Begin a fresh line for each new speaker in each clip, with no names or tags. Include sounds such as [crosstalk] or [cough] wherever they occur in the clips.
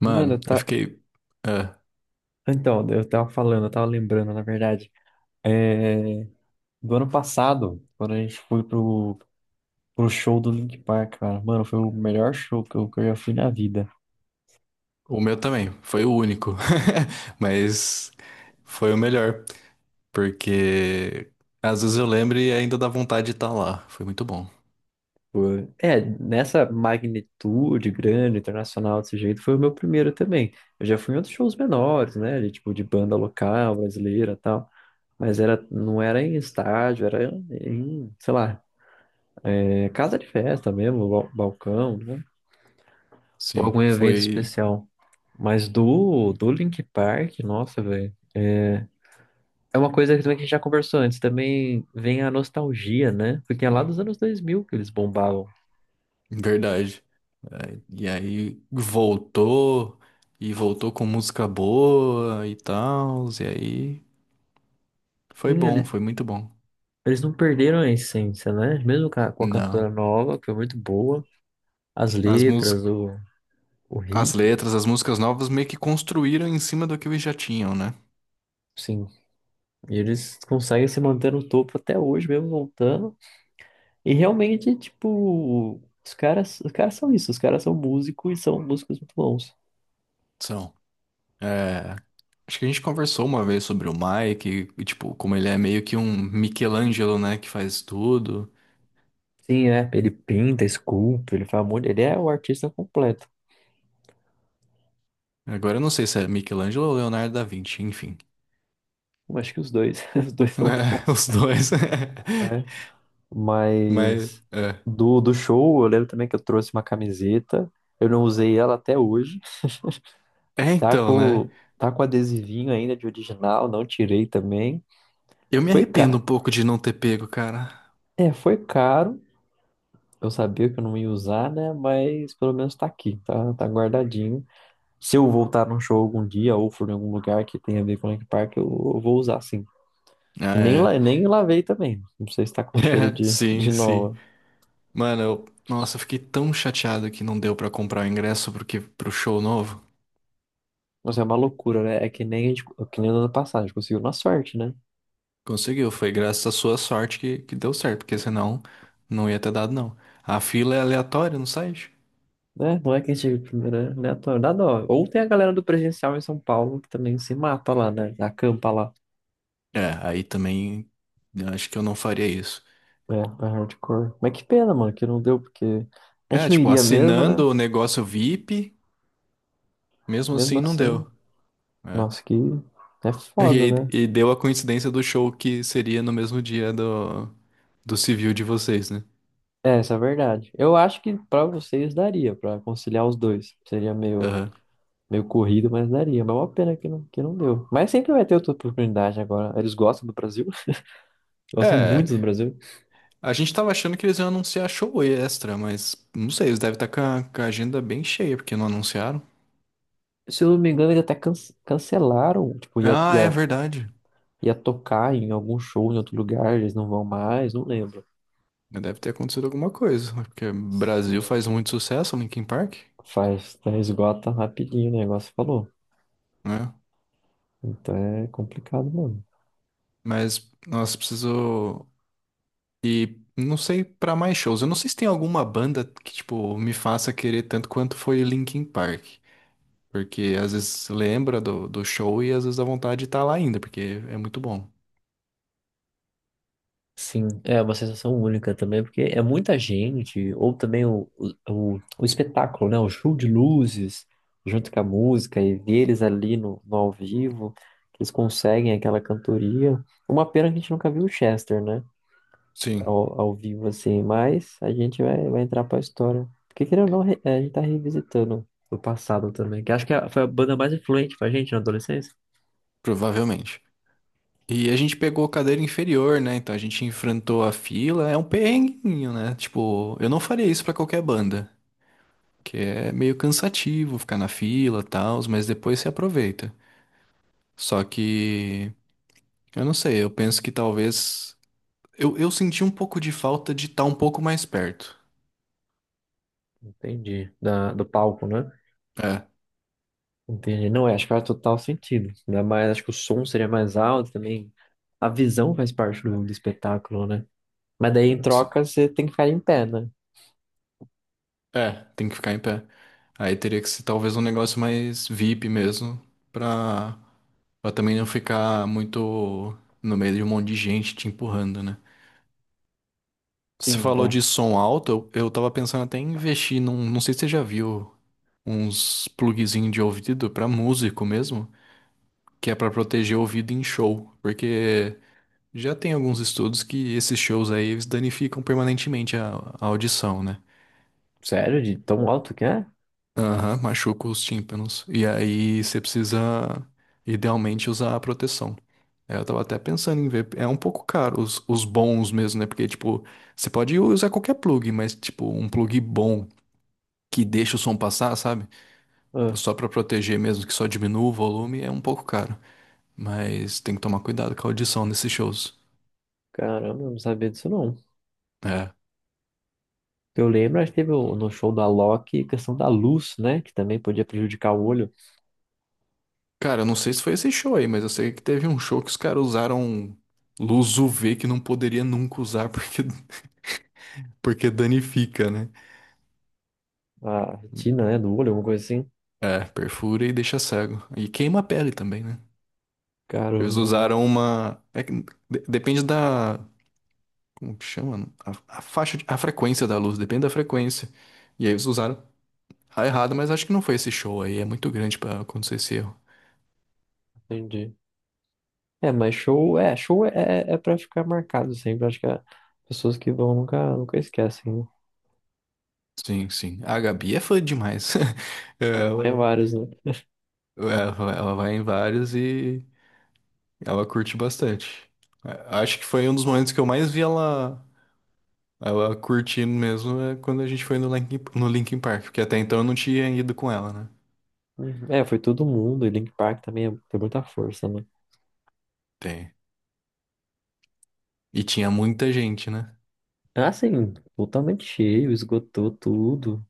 Mano,
Mano,
eu
tá.
fiquei. é,
Então, eu tava falando, eu tava lembrando, na verdade. É... Do ano passado, quando a gente foi pro, show do Linkin Park, cara. Mano, foi o melhor show que eu já fui na vida.
o meu também, foi o único. [laughs] Mas foi o melhor. Porque às vezes eu lembro e ainda dá vontade de estar lá. Foi muito bom.
É, nessa magnitude grande, internacional, desse jeito, foi o meu primeiro também. Eu já fui em outros shows menores, né? Tipo, de banda local, brasileira e tal. Mas era, não era em estádio, era em, sei lá, casa de festa mesmo, balcão, né? Ou
Sim,
algum evento
foi
especial. Mas do, Linkin Park, nossa, velho. É uma coisa que também que a gente já conversou antes, também vem a nostalgia, né? Porque é lá dos anos 2000 que eles bombavam.
verdade. É, e aí voltou, e voltou com música boa e tal. E aí foi
Tem
bom,
ali-
foi muito bom.
Eles não perderam a essência, né? Mesmo com a,
Não.
cantora nova, que foi muito boa, as
As
letras,
músicas,
o
as
ritmo,
letras, as músicas novas meio que construíram em cima do que eles já tinham, né?
sim. E eles conseguem se manter no topo até hoje, mesmo voltando. E realmente, tipo, os caras são isso, os caras são músicos e são músicos muito bons.
São. É, acho que a gente conversou uma vez sobre o Mike, e, tipo, como ele é meio que um Michelangelo, né, que faz tudo.
Sim, é. Ele pinta, esculpe, ele faz um monte. Ele é o artista completo.
Agora eu não sei se é Michelangelo ou Leonardo da Vinci, enfim. [laughs]
Eu acho que os dois, [laughs] os dois são bons.
Os dois.
Né?
[laughs] Mas,
Mas
é.
do, show, eu lembro também que eu trouxe uma camiseta. Eu não usei ela até hoje.
É,
Tá
então,
com,
né?
tá com adesivinho ainda de original, não tirei também.
Eu me
Foi
arrependo
caro.
um pouco de não ter pego, cara.
É, foi caro. Eu sabia que eu não ia usar, né? Mas pelo menos tá aqui, tá guardadinho. Se eu voltar num show algum dia ou for em algum lugar que tenha a ver com o Link Park, eu vou usar sim.
Ah,
E nem, la-
é,
nem lavei também. Não sei se tá
[laughs]
com cheiro
é,
de,
sim,
de
sim.
nova.
Mano, eu, nossa, eu fiquei tão chateado que não deu pra comprar o ingresso pro show novo.
Mas é uma loucura, né? É que nem a gente, que nem no ano passado, a gente conseguiu na sorte, né?
Conseguiu, foi graças à sua sorte que, deu certo, porque senão não ia ter dado, não. A fila é aleatória no site.
Né? Não é que a gente, né? Né, dá dó. Ou tem a galera do presencial em São Paulo que também se mata lá, né? Acampa lá.
É, aí também eu acho que eu não faria isso.
É hardcore. Mas que pena, mano, que não deu, porque a
É,
gente não
tipo,
iria mesmo, né?
assinando o negócio VIP, mesmo
Mesmo
assim não
assim,
deu. É.
nossa, que
[laughs]
é
E,
foda,
aí-
né?
e deu a coincidência do show que seria no mesmo dia do, do civil de vocês, né?
É, essa é a verdade. Eu acho que pra vocês daria, pra conciliar os dois. Seria meio
Aham.
meio corrido, mas daria. Mas é uma pena que não deu. Mas sempre vai ter outra oportunidade agora. Eles gostam do Brasil, [laughs] gostam
É,
muito do Brasil.
a gente tava achando que eles iam anunciar show extra, mas não sei, eles devem estar com a agenda bem cheia, porque não anunciaram.
Se eu não me engano, eles até cancelaram, tipo, ia,
Ah, é
ia,
verdade.
ia tocar em algum show em outro lugar, eles não vão mais, não lembro.
Deve ter acontecido alguma coisa, né? Porque Brasil faz
Sim.
muito sucesso, Linkin Park,
Faz, né, esgota rapidinho o negócio, falou.
né?
Então é complicado, mano.
Mas nós preciso e não sei pra mais shows. Eu não sei se tem alguma banda que tipo me faça querer tanto quanto foi Linkin Park, porque às vezes lembra do, do show e às vezes dá vontade de estar lá ainda, porque é muito bom.
Sim, é uma sensação única também, porque é muita gente, ou também o, espetáculo, né? O show de luzes, junto com a música, e ver eles ali no ao vivo, que eles conseguem aquela cantoria. Uma pena que a gente nunca viu o Chester, né?
Sim,
Ao vivo, assim, mas a gente vai entrar pra história. Porque, querendo ou não, a gente tá revisitando o passado também, que acho que foi a banda mais influente pra gente na adolescência.
provavelmente. E a gente pegou cadeira inferior, né? Então a gente enfrentou a fila. É um perrenguinho, né? Tipo, eu não faria isso pra qualquer banda. Que é meio cansativo ficar na fila, tal, mas depois se aproveita. Só que eu não sei, eu penso que talvez eu senti um pouco de falta de estar um pouco mais perto.
Entendi. Do palco, né?
É,
Entendi. Não, é, acho que faz total sentido. Ainda mais, acho que o som seria mais alto também. A visão faz parte do, espetáculo, né? Mas daí em
se-
troca você tem que ficar em pé, né?
é, tem que ficar em pé. Aí teria que ser talvez um negócio mais VIP mesmo, pra, pra também não ficar muito no meio de um monte de gente te empurrando, né? Você
Sim,
falou
é.
de som alto, eu tava pensando até em investir num, não sei se você já viu uns plugzinhos de ouvido pra músico mesmo, que é pra proteger o ouvido em show, porque já tem alguns estudos que esses shows aí eles danificam permanentemente a audição, né?
Sério? De tão alto que é?
Aham, machuca os tímpanos. E aí você precisa idealmente usar a proteção. Aí eu tava até pensando em ver, é um pouco caro os bons mesmo, né? Porque tipo, você pode usar qualquer plug, mas tipo, um plug bom que deixa o som passar, sabe?
Ah,
Só pra proteger mesmo, que só diminua o volume, é um pouco caro. Mas tem que tomar cuidado com a audição nesses shows.
caramba, eu não sabia disso não.
É.
Eu lembro, acho que teve no show da Loki questão da luz, né? Que também podia prejudicar o olho,
Cara, eu não sei se foi esse show aí, mas eu sei que teve um show que os caras usaram luz UV que não poderia nunca usar porque, [laughs] porque danifica, né?
a retina, né? Do olho, alguma coisa assim.
É, perfura e deixa cego. E queima a pele também, né? Eles
Caramba,
usaram uma. É que depende da. Como que chama? A faixa, a frequência da luz, depende da frequência. E aí eles usaram. Tá errado, mas acho que não foi esse show aí. É muito grande pra acontecer esse erro.
entendi. É, mas show é pra ficar marcado sempre. Acho que é pessoas que vão nunca, nunca esquecem. Né?
Sim, sim. A Gabi é fã demais.
É
[laughs]
vários, né?
Ela vai em vários e ela curte bastante. Acho que foi um dos momentos que eu mais vi ela, ela curtindo mesmo é quando a gente foi no no Linkin Park, porque até então eu não tinha ido com ela, né?
Uhum. É, foi todo mundo. E Link Park também tem muita força, né?
Tem. E tinha muita gente, né?
Assim, totalmente cheio, esgotou tudo.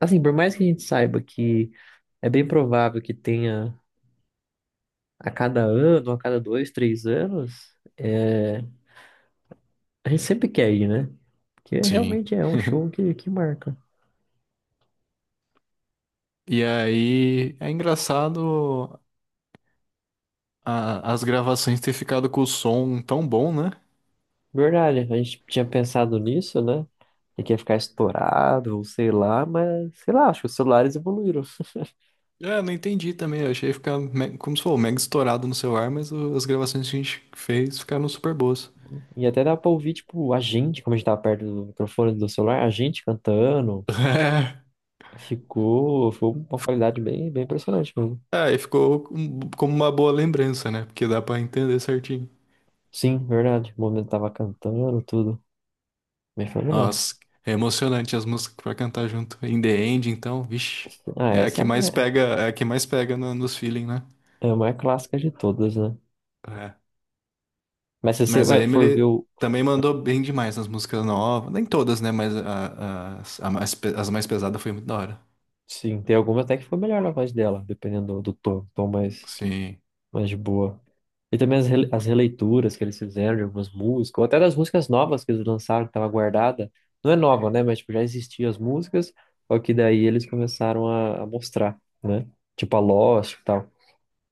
Assim, por mais que a gente saiba que é bem provável que tenha a cada ano, a cada 2, 3 anos, a gente sempre quer ir, né? Porque
Sim.
realmente é um show que marca.
E aí é engraçado as gravações ter ficado com o som tão bom, né?
Verdade, a gente tinha pensado nisso, né? E que ia ficar estourado, ou sei lá, mas sei lá, acho que os celulares evoluíram.
É, eu não entendi também. Eu achei ficar como se for mega estourado no celular, mas as gravações que a gente fez ficaram super boas.
E até dá pra ouvir, tipo, a gente, como a gente tava perto do microfone do celular, a gente cantando.
[laughs]
Ficou, foi uma qualidade bem, bem impressionante mesmo.
É, é, e ficou como uma boa lembrança, né? Porque dá pra entender certinho.
Sim, verdade. O momento tava cantando, tudo. Bem fenomenal.
Nossa, é emocionante as músicas pra cantar junto. In the End, então, vixe.
Ah,
É a
essa é
que
a,
mais
minha-
pega, é a que mais pega nos feeling, né?
é a mais clássica de todas, né?
É.
Mas se você
Mas a
vai, for ver
Emily
o.
também mandou bem demais nas músicas novas. Nem todas, né? Mas a- as as mais pesadas foi muito da hora.
Sim, tem alguma até que foi melhor na voz dela, dependendo do, tom, tom mais,
Sim.
mais de boa. E também as releituras que eles fizeram de algumas músicas, ou até das músicas novas que eles lançaram, que estava guardada. Não é nova, né? Mas tipo, já existiam as músicas, só que daí eles começaram a, mostrar, né? Tipo a Lost e tal.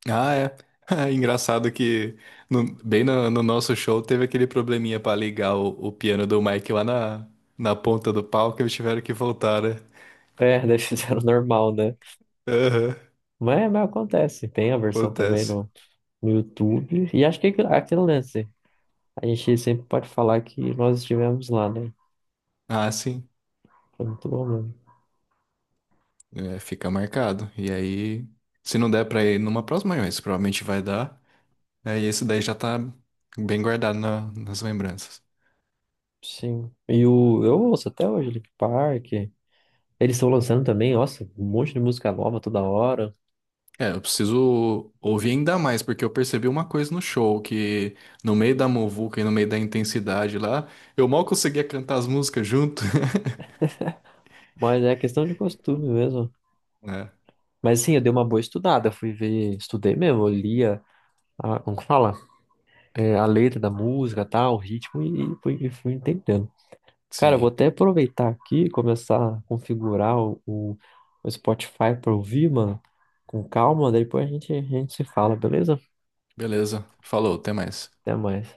Ah, é. [laughs] Engraçado que bem no, no nosso show teve aquele probleminha pra ligar o piano do Mike lá na, na ponta do palco e eles tiveram que voltar, né?
É, daí [laughs] fizeram normal, né?
Aham,
mas, acontece, tem a versão também
acontece.
no YouTube. E acho que é aquele lance. A gente sempre pode falar que nós estivemos lá, né?
Ah, sim.
Foi muito bom mesmo.
É, fica marcado. E aí, se não der pra ir numa próxima, mas provavelmente vai dar. Aí esse daí já tá bem guardado nas lembranças.
Sim. Eu ouço até hoje Linkin Park. Eles estão lançando também, nossa, um monte de música nova toda hora.
É, eu preciso ouvir ainda mais, porque eu percebi uma coisa no show, que no meio da muvuca e no meio da intensidade lá, eu mal conseguia cantar as músicas junto. [laughs]
Mas é questão de costume mesmo.
É,
Mas sim, eu dei uma boa estudada, fui ver, estudei mesmo, eu lia, como que fala? É, a letra da música, tal, o ritmo e fui entendendo. Cara, eu vou
sim.
até aproveitar aqui e começar a configurar o, Spotify pra ouvir, mano, com calma, daí depois a gente, se fala, beleza?
Beleza. Falou, até mais.
Até mais.